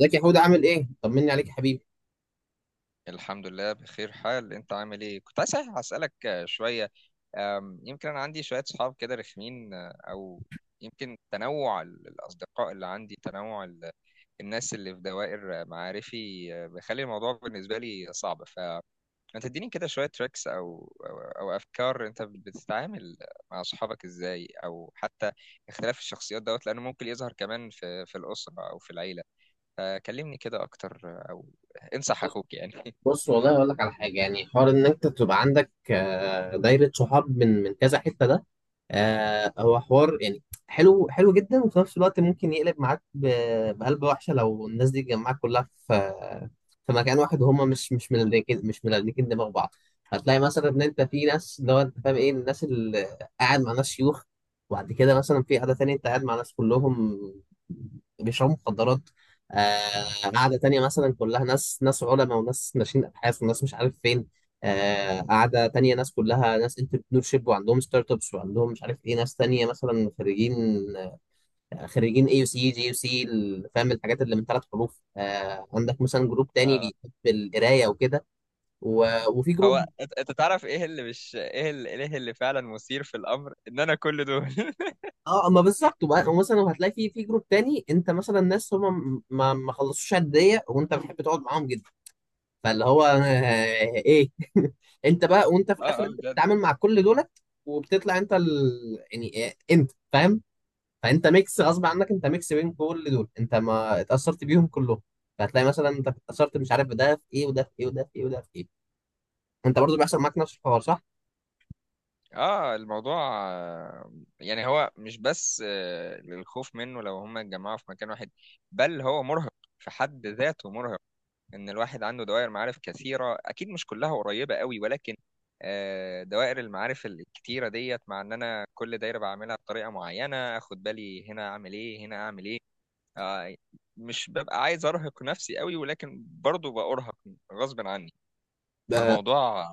ازيك يا حود، عامل ايه؟ طمني عليك يا حبيبي. الحمد لله بخير حال. انت عامل ايه؟ كنت عايز اسالك شويه. يمكن انا عندي شويه صحاب كده رخمين، او يمكن تنوع الاصدقاء اللي عندي، تنوع الناس اللي في دوائر معارفي بيخلي الموضوع بالنسبه لي صعب. فانت تديني كده شويه تريكس او او أو افكار. انت بتتعامل مع صحابك ازاي؟ او حتى اختلاف الشخصيات دوت، لانه ممكن يظهر كمان في الاسره او في العيله. فكلمني كده اكتر او انصح اخوك يعني. بص، والله اقول لك على حاجه، يعني حوار ان انت تبقى عندك دايره صحاب من كذا حته، ده هو حوار يعني حلو حلو جدا، وفي نفس الوقت ممكن يقلب معاك بقلب وحشه لو الناس دي اتجمعت كلها في مكان واحد، وهم مش ملكين دماغ بعض. هتلاقي مثلا ان انت في ناس، اللي هو انت فاهم ايه، الناس اللي قاعد مع ناس شيوخ، وبعد كده مثلا في قعده تانية انت قاعد مع ناس كلهم بيشربوا مخدرات، قعده تانية مثلا كلها ناس علماء وناس ناشئين ابحاث وناس مش عارف فين، قاعدة تانية ناس كلها ناس انتربرنور شيب وعندهم ستارت ابس وعندهم مش عارف ايه، ناس تانية مثلا خريجين، خريجين AUC، GUC. فاهم الحاجات اللي من ثلاث حروف؟ عندك مثلا جروب تاني بيحب القراية وكده، وفي هو جروب. انت تعرف ايه اللي مش، ايه اللي فعلا مثير في الامر، ان انا كل دول. اه، ما بالظبط. ومثلا هتلاقي في في جروب تاني، انت مثلا ناس هم ما خلصوش عديه وانت بتحب تقعد معاهم جدا، فاللي هو ايه انت بقى وانت في اه الاخر اه انت بجد. بتتعامل مع كل دولت، وبتطلع انت يعني إيه، انت فاهم. فانت ميكس غصب عنك، انت ميكس بين كل دول، انت ما اتاثرت بيهم كلهم، فهتلاقي مثلا انت اتاثرت مش عارف بده في ايه وده في ايه وده في ايه وده في ايه. انت برضو بيحصل معاك نفس الحوار، صح؟ اه الموضوع يعني هو مش بس للخوف منه لو هم اتجمعوا في مكان واحد، بل هو مرهق في حد ذاته. مرهق ان الواحد عنده دوائر معارف كثيرة، اكيد مش كلها قريبة قوي، ولكن دوائر المعارف الكتيرة ديت، مع ان انا كل دايرة بعملها بطريقة معينة، اخد بالي هنا اعمل ايه، هنا اعمل ايه. آه، مش ببقى عايز ارهق نفسي قوي، ولكن برضو بأرهق غصب عني. ب- فالموضوع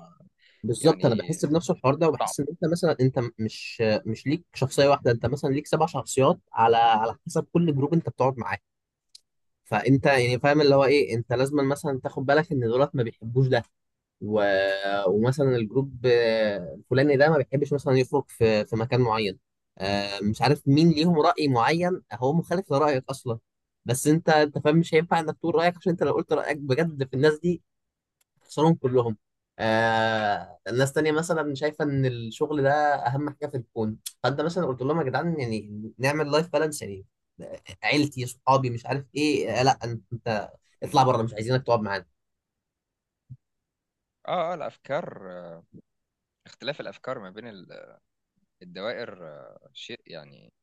بالظبط، انا يعني بحس بنفس الحوار ده، صعب. وبحس ان انت مثلا انت مش ليك شخصيه واحده، انت مثلا ليك سبع شخصيات على حسب كل جروب انت بتقعد معاه. فانت يعني فاهم اللي هو ايه، انت لازم مثلا تاخد بالك ان دولت ما بيحبوش ده، و... ومثلا الجروب الفلاني ده ما بيحبش مثلا يخرج في مكان معين، مش عارف مين ليهم رأي معين هو مخالف لرأيك أصلا. بس أنت فاهم مش هينفع إنك تقول رأيك، عشان أنت لو قلت رأيك بجد في الناس دي خسرهم كلهم. الناس تانية مثلا شايفة إن الشغل ده أهم حاجة في الكون، فأنت مثلا قلت لهم يا جدعان يعني نعمل لايف بالانس يعني، عيلتي صحابي مش عارف إيه، آه لا أنت اطلع بره مش عايزينك تقعد معانا. اه اه الافكار، اختلاف الافكار ما بين الدوائر شيء يعني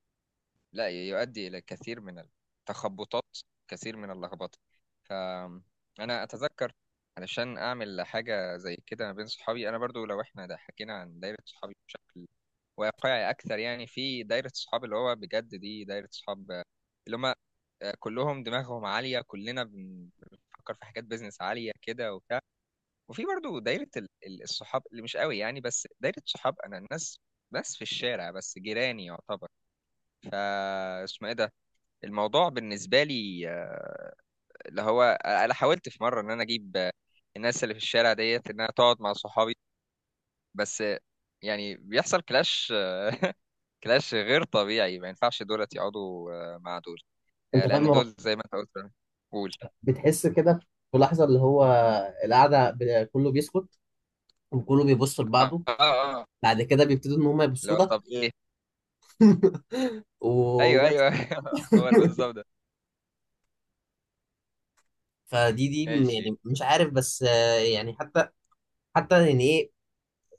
لا يؤدي الى كثير من التخبطات، كثير من اللخبطه. فانا اتذكر علشان اعمل حاجه زي كده ما بين صحابي. انا برضو، لو احنا ده حكينا عن دايره صحابي بشكل واقعي اكثر، يعني في دايره صحاب اللي هو بجد دي دايره صحاب، اللي هم كلهم دماغهم عالية، كلنا بنفكر في حاجات بيزنس عالية كده وبتاع. وفي برضو دايرة الصحاب اللي مش قوي يعني، بس دايرة صحاب أنا، الناس بس في الشارع، بس جيراني يعتبر. فا اسمه ايه ده، الموضوع بالنسبة لي اللي هو، أنا حاولت في مرة إن أنا أجيب الناس اللي في الشارع ديت إنها تقعد مع صحابي. بس يعني بيحصل كلاش كلاش غير طبيعي. ما ينفعش دولت يقعدوا مع دول، أنت فاهم، لأن هو دول زي ما أنت قلت. قول. بتحس كده في لحظة، اللي هو القعدة كله بيسكت وكله بيبص اه لبعضه، اه. آه. بعد كده بيبتدوا إن هم اللي يبصوا هو لك طب ايه. ايوه وبس. ايوه هو اللي بالظبط ده. فدي ماشي. يعني مش عارف، بس يعني حتى يعني ايه،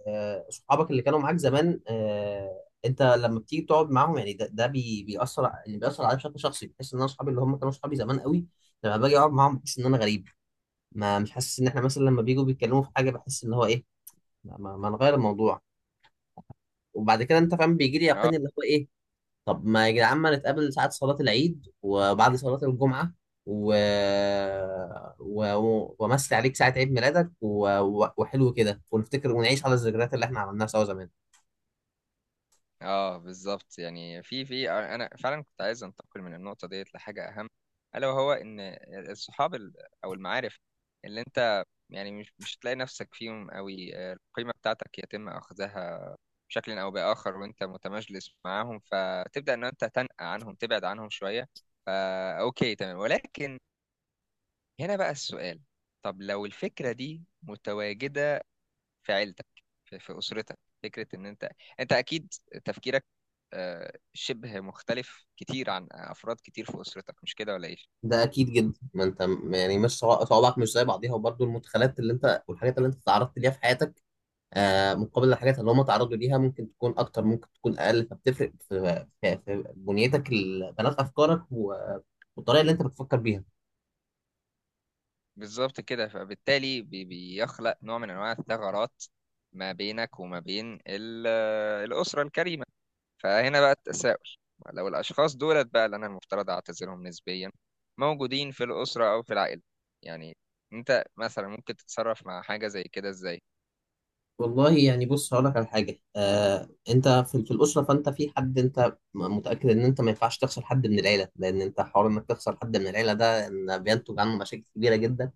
صحابك اللي كانوا معاك زمان، انت لما بتيجي تقعد معاهم يعني ده يعني بيأثر عليا بشكل شخصي، بحس ان انا اصحابي اللي هم كانوا اصحابي زمان قوي لما باجي اقعد معاهم بحس ان انا غريب. ما مش حاسس ان احنا مثلا لما بيجوا بيتكلموا في حاجه، بحس ان هو ايه، ما نغير الموضوع. وبعد كده انت فاهم بيجي لي اه يقين اللي هو ايه، طب ما يا جدعان ما نتقابل ساعه صلاه العيد وبعد صلاه الجمعه، و... وامسي عليك ساعه عيد ميلادك، وحلو كده ونفتكر ونعيش على الذكريات اللي احنا عملناها سوا زمان. اه بالظبط. يعني في انا فعلا كنت عايز انتقل من النقطه ديت لحاجه اهم. الا وهو ان الصحاب او المعارف اللي انت يعني مش هتلاقي نفسك فيهم قوي، القيمه بتاعتك يتم اخذها بشكل او باخر وانت متمجلس معاهم، فتبدا ان انت تنأى عنهم، تبعد عنهم شويه. فا اوكي، تمام. ولكن هنا بقى السؤال، طب لو الفكره دي متواجده في عيلتك، في اسرتك، فكره ان انت، انت اكيد تفكيرك شبه مختلف كتير عن افراد كتير في اسرتك، مش كده ولا ايه؟ ده اكيد جدا، ما انت يعني مش صوابعك مش زي بعضيها، وبرضه المدخلات اللي انت والحاجات اللي انت تعرضت ليها في حياتك مقابل الحاجات اللي هم تعرضوا ليها، ممكن تكون اكتر ممكن تكون اقل، فبتفرق في بنيتك، بنات افكارك والطريقه اللي انت بتفكر بيها. بالظبط كده. فبالتالي بيخلق نوع من انواع الثغرات ما بينك وما بين الاسره الكريمه. فهنا بقى التساؤل، لو الاشخاص دولت بقى اللي انا المفترض اعتذرهم نسبيا موجودين في الاسره او في العائله، يعني انت مثلا ممكن تتصرف مع حاجه زي كده ازاي؟ والله يعني بص هقول لك على حاجه، انت في الاسره، فانت في حد انت متاكد ان انت ما ينفعش تخسر حد من العيله، لان انت حوار انك تخسر حد من العيله ده إن بينتج عنه مشاكل كبيره جدا.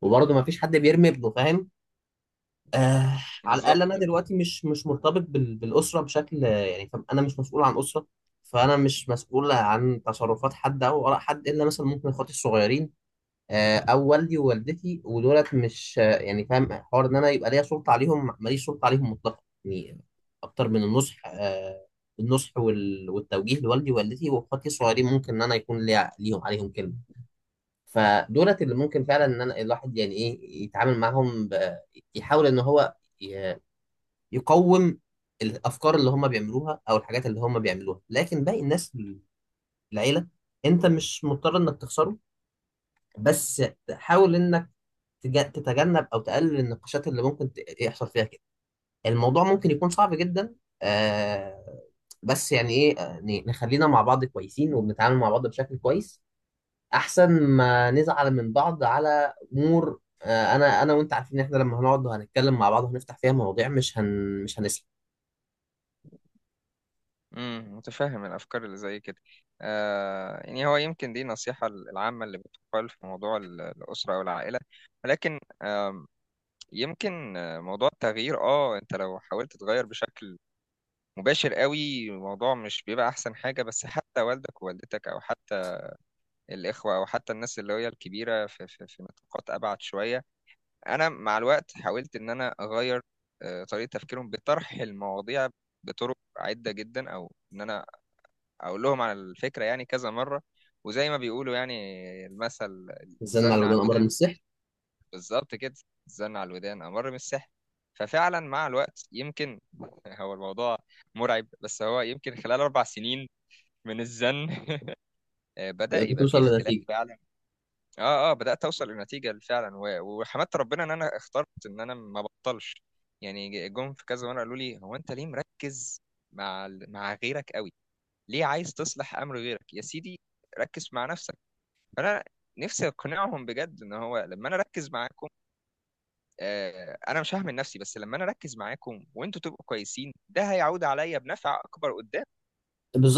وبرضه ما فيش حد بيرمي ابنه، فاهم؟ آه على الاقل بالظبط. انا دلوقتي مش مرتبط بالاسره بشكل، يعني فاهم؟ انا مش مسؤول عن اسره، فانا مش مسؤول عن تصرفات حد او اراء حد، الا مثلا ممكن اخواتي الصغيرين، او والدي ووالدتي، ودولت مش يعني فاهم، حوار ان انا يبقى ليا سلطه عليهم. ماليش سلطه عليهم مطلقا، يعني اكتر من النصح، النصح والتوجيه لوالدي ووالدتي واخواتي الصغيرين ممكن ان انا يكون ليا ليهم عليهم كلمه. فدولت اللي ممكن فعلا ان انا الواحد يعني ايه يتعامل معاهم يحاول ان هو يقوم الافكار اللي هم بيعملوها او الحاجات اللي هم بيعملوها. لكن باقي الناس في العيله انت مش مضطر انك تخسره، بس حاول انك تتجنب او تقلل النقاشات اللي ممكن يحصل فيها كده. الموضوع ممكن يكون صعب جدا، آه بس يعني ايه، نخلينا مع بعض كويسين وبنتعامل مع بعض بشكل كويس، احسن ما نزعل من بعض على امور، انا وانت عارفين ان احنا لما هنقعد وهنتكلم مع بعض وهنفتح فيها مواضيع مش هنسلم. امم، متفهم الافكار اللي زي كده. آه يعني هو يمكن دي النصيحه العامه اللي بتقال في موضوع الاسره او العائله، ولكن يمكن موضوع التغيير، اه انت لو حاولت تغير بشكل مباشر قوي، الموضوع مش بيبقى احسن حاجه. بس حتى والدك ووالدتك، او حتى الاخوه، او حتى الناس اللي هي الكبيره في نطاقات ابعد شويه، انا مع الوقت حاولت ان انا اغير طريقه تفكيرهم بطرح المواضيع بطرق عده جدا، او ان انا اقول لهم على الفكره يعني كذا مره. وزي ما بيقولوا يعني المثل، نزلنا على الزن على ودان، امر الودان. النصيحة. بالظبط كده، الزن على الودان امر من السحر. ففعلا مع الوقت يمكن هو الموضوع مرعب، بس هو يمكن خلال اربع سنين من الزن بدأ يبقى فيه بتوصل اختلاف لنتيجه. فعلا. اه اه بدأت اوصل لنتيجة فعلا، وحمدت ربنا ان انا اخترت ان انا ما بطلش. يعني جم في كذا مره قالوا لي هو انت ليه مركز مع مع غيرك قوي، ليه عايز تصلح امر غيرك يا سيدي، ركز مع نفسك. فانا نفسي اقنعهم بجد ان هو لما انا اركز معاكم، آه انا مش هعمل نفسي بس، لما انا اركز معاكم وانتوا تبقوا كويسين، ده هيعود عليا بنفع اكبر قدام.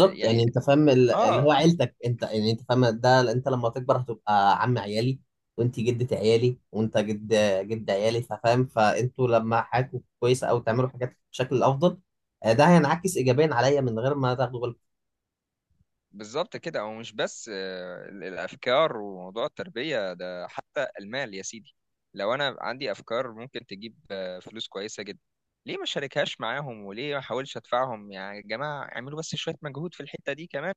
يعني يعني انت فاهم اللي هو اه. عيلتك، انت يعني انت فاهم ده، انت لما تكبر هتبقى عم عيالي، وانت جدة عيالي، وانت جد عيالي، فاهم؟ فانتوا لما حياتكم كويسه او تعملوا حاجات بشكل افضل، ده هينعكس ايجابيا عليا من غير ما تاخدوا بالكم. بالظبط كده. هو مش بس آه الافكار وموضوع التربية، ده حتى المال يا سيدي. لو انا عندي افكار ممكن تجيب فلوس كويسة جدا، ليه ما شاركهاش معاهم؟ وليه ما احاولش ادفعهم يعني، يا جماعة اعملوا بس شوية مجهود في الحتة دي كمان،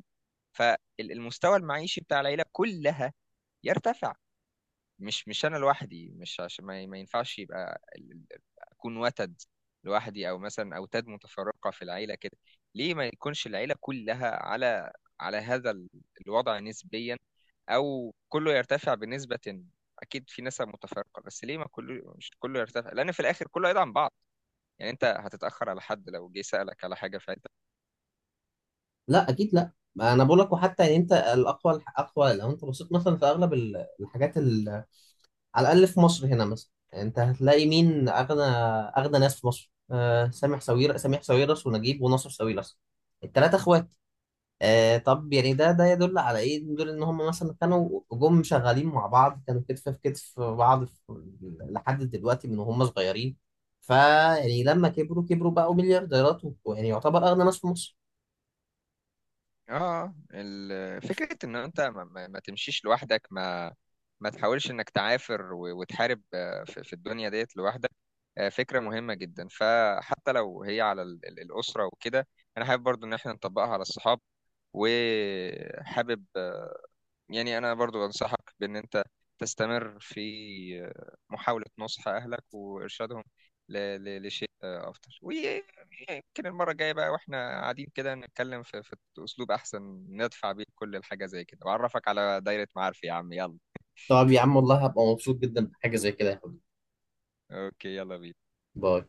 فالمستوى المعيشي بتاع العيلة كلها يرتفع. مش أنا لوحدي، مش عشان ما ينفعش يبقى أكون وتد لوحدي، أو مثلا أوتاد متفرقة في العيلة كده. ليه ما يكونش العيلة كلها على على هذا الوضع نسبيا، أو كله يرتفع بنسبة، أكيد في نسب متفرقة، بس ليه ما كله، مش كله يرتفع؟ لأن في الآخر كله هيدعم بعض. يعني أنت هتتأخر على حد لو جه سألك على حاجة في. لا اكيد لا، ما انا بقول لك. وحتى يعني انت الاقوى، الاقوى لو انت بصيت مثلا في اغلب الحاجات على الأقل في مصر هنا مثلا. يعني أنت هتلاقي مين أغنى ناس في مصر سامح سويرس ونجيب وناصر سويرس، التلاتة إخوات. طب يعني ده يدل على إيه؟ يدل إن هم مثلا كانوا جم شغالين مع بعض، كانوا كتف في كتف في بعض لحد دلوقتي من وهم صغيرين. فيعني لما كبروا، كبروا بقوا مليارديرات، ويعني يعتبر أغنى ناس في مصر. اه فكرة ان انت ما تمشيش لوحدك، ما ما تحاولش انك تعافر وتحارب في الدنيا ديت لوحدك، فكرة مهمة جدا. فحتى لو هي على الأسرة وكده، انا حابب برضو ان احنا نطبقها على الصحاب. وحابب يعني أنا برضو أنصحك بإن أنت تستمر في محاولة نصح أهلك وإرشادهم ل- لشيء أفضل. ويمكن المرة الجاية بقى وإحنا قاعدين كده نتكلم في أسلوب أحسن ندفع بيه كل الحاجة زي كده، وأعرفك على دايرة معارفي يا عم، يلا. طب يا عم والله هبقى مبسوط جدا بحاجة زي كده يا حبيبي. أوكي يلا بينا. باي.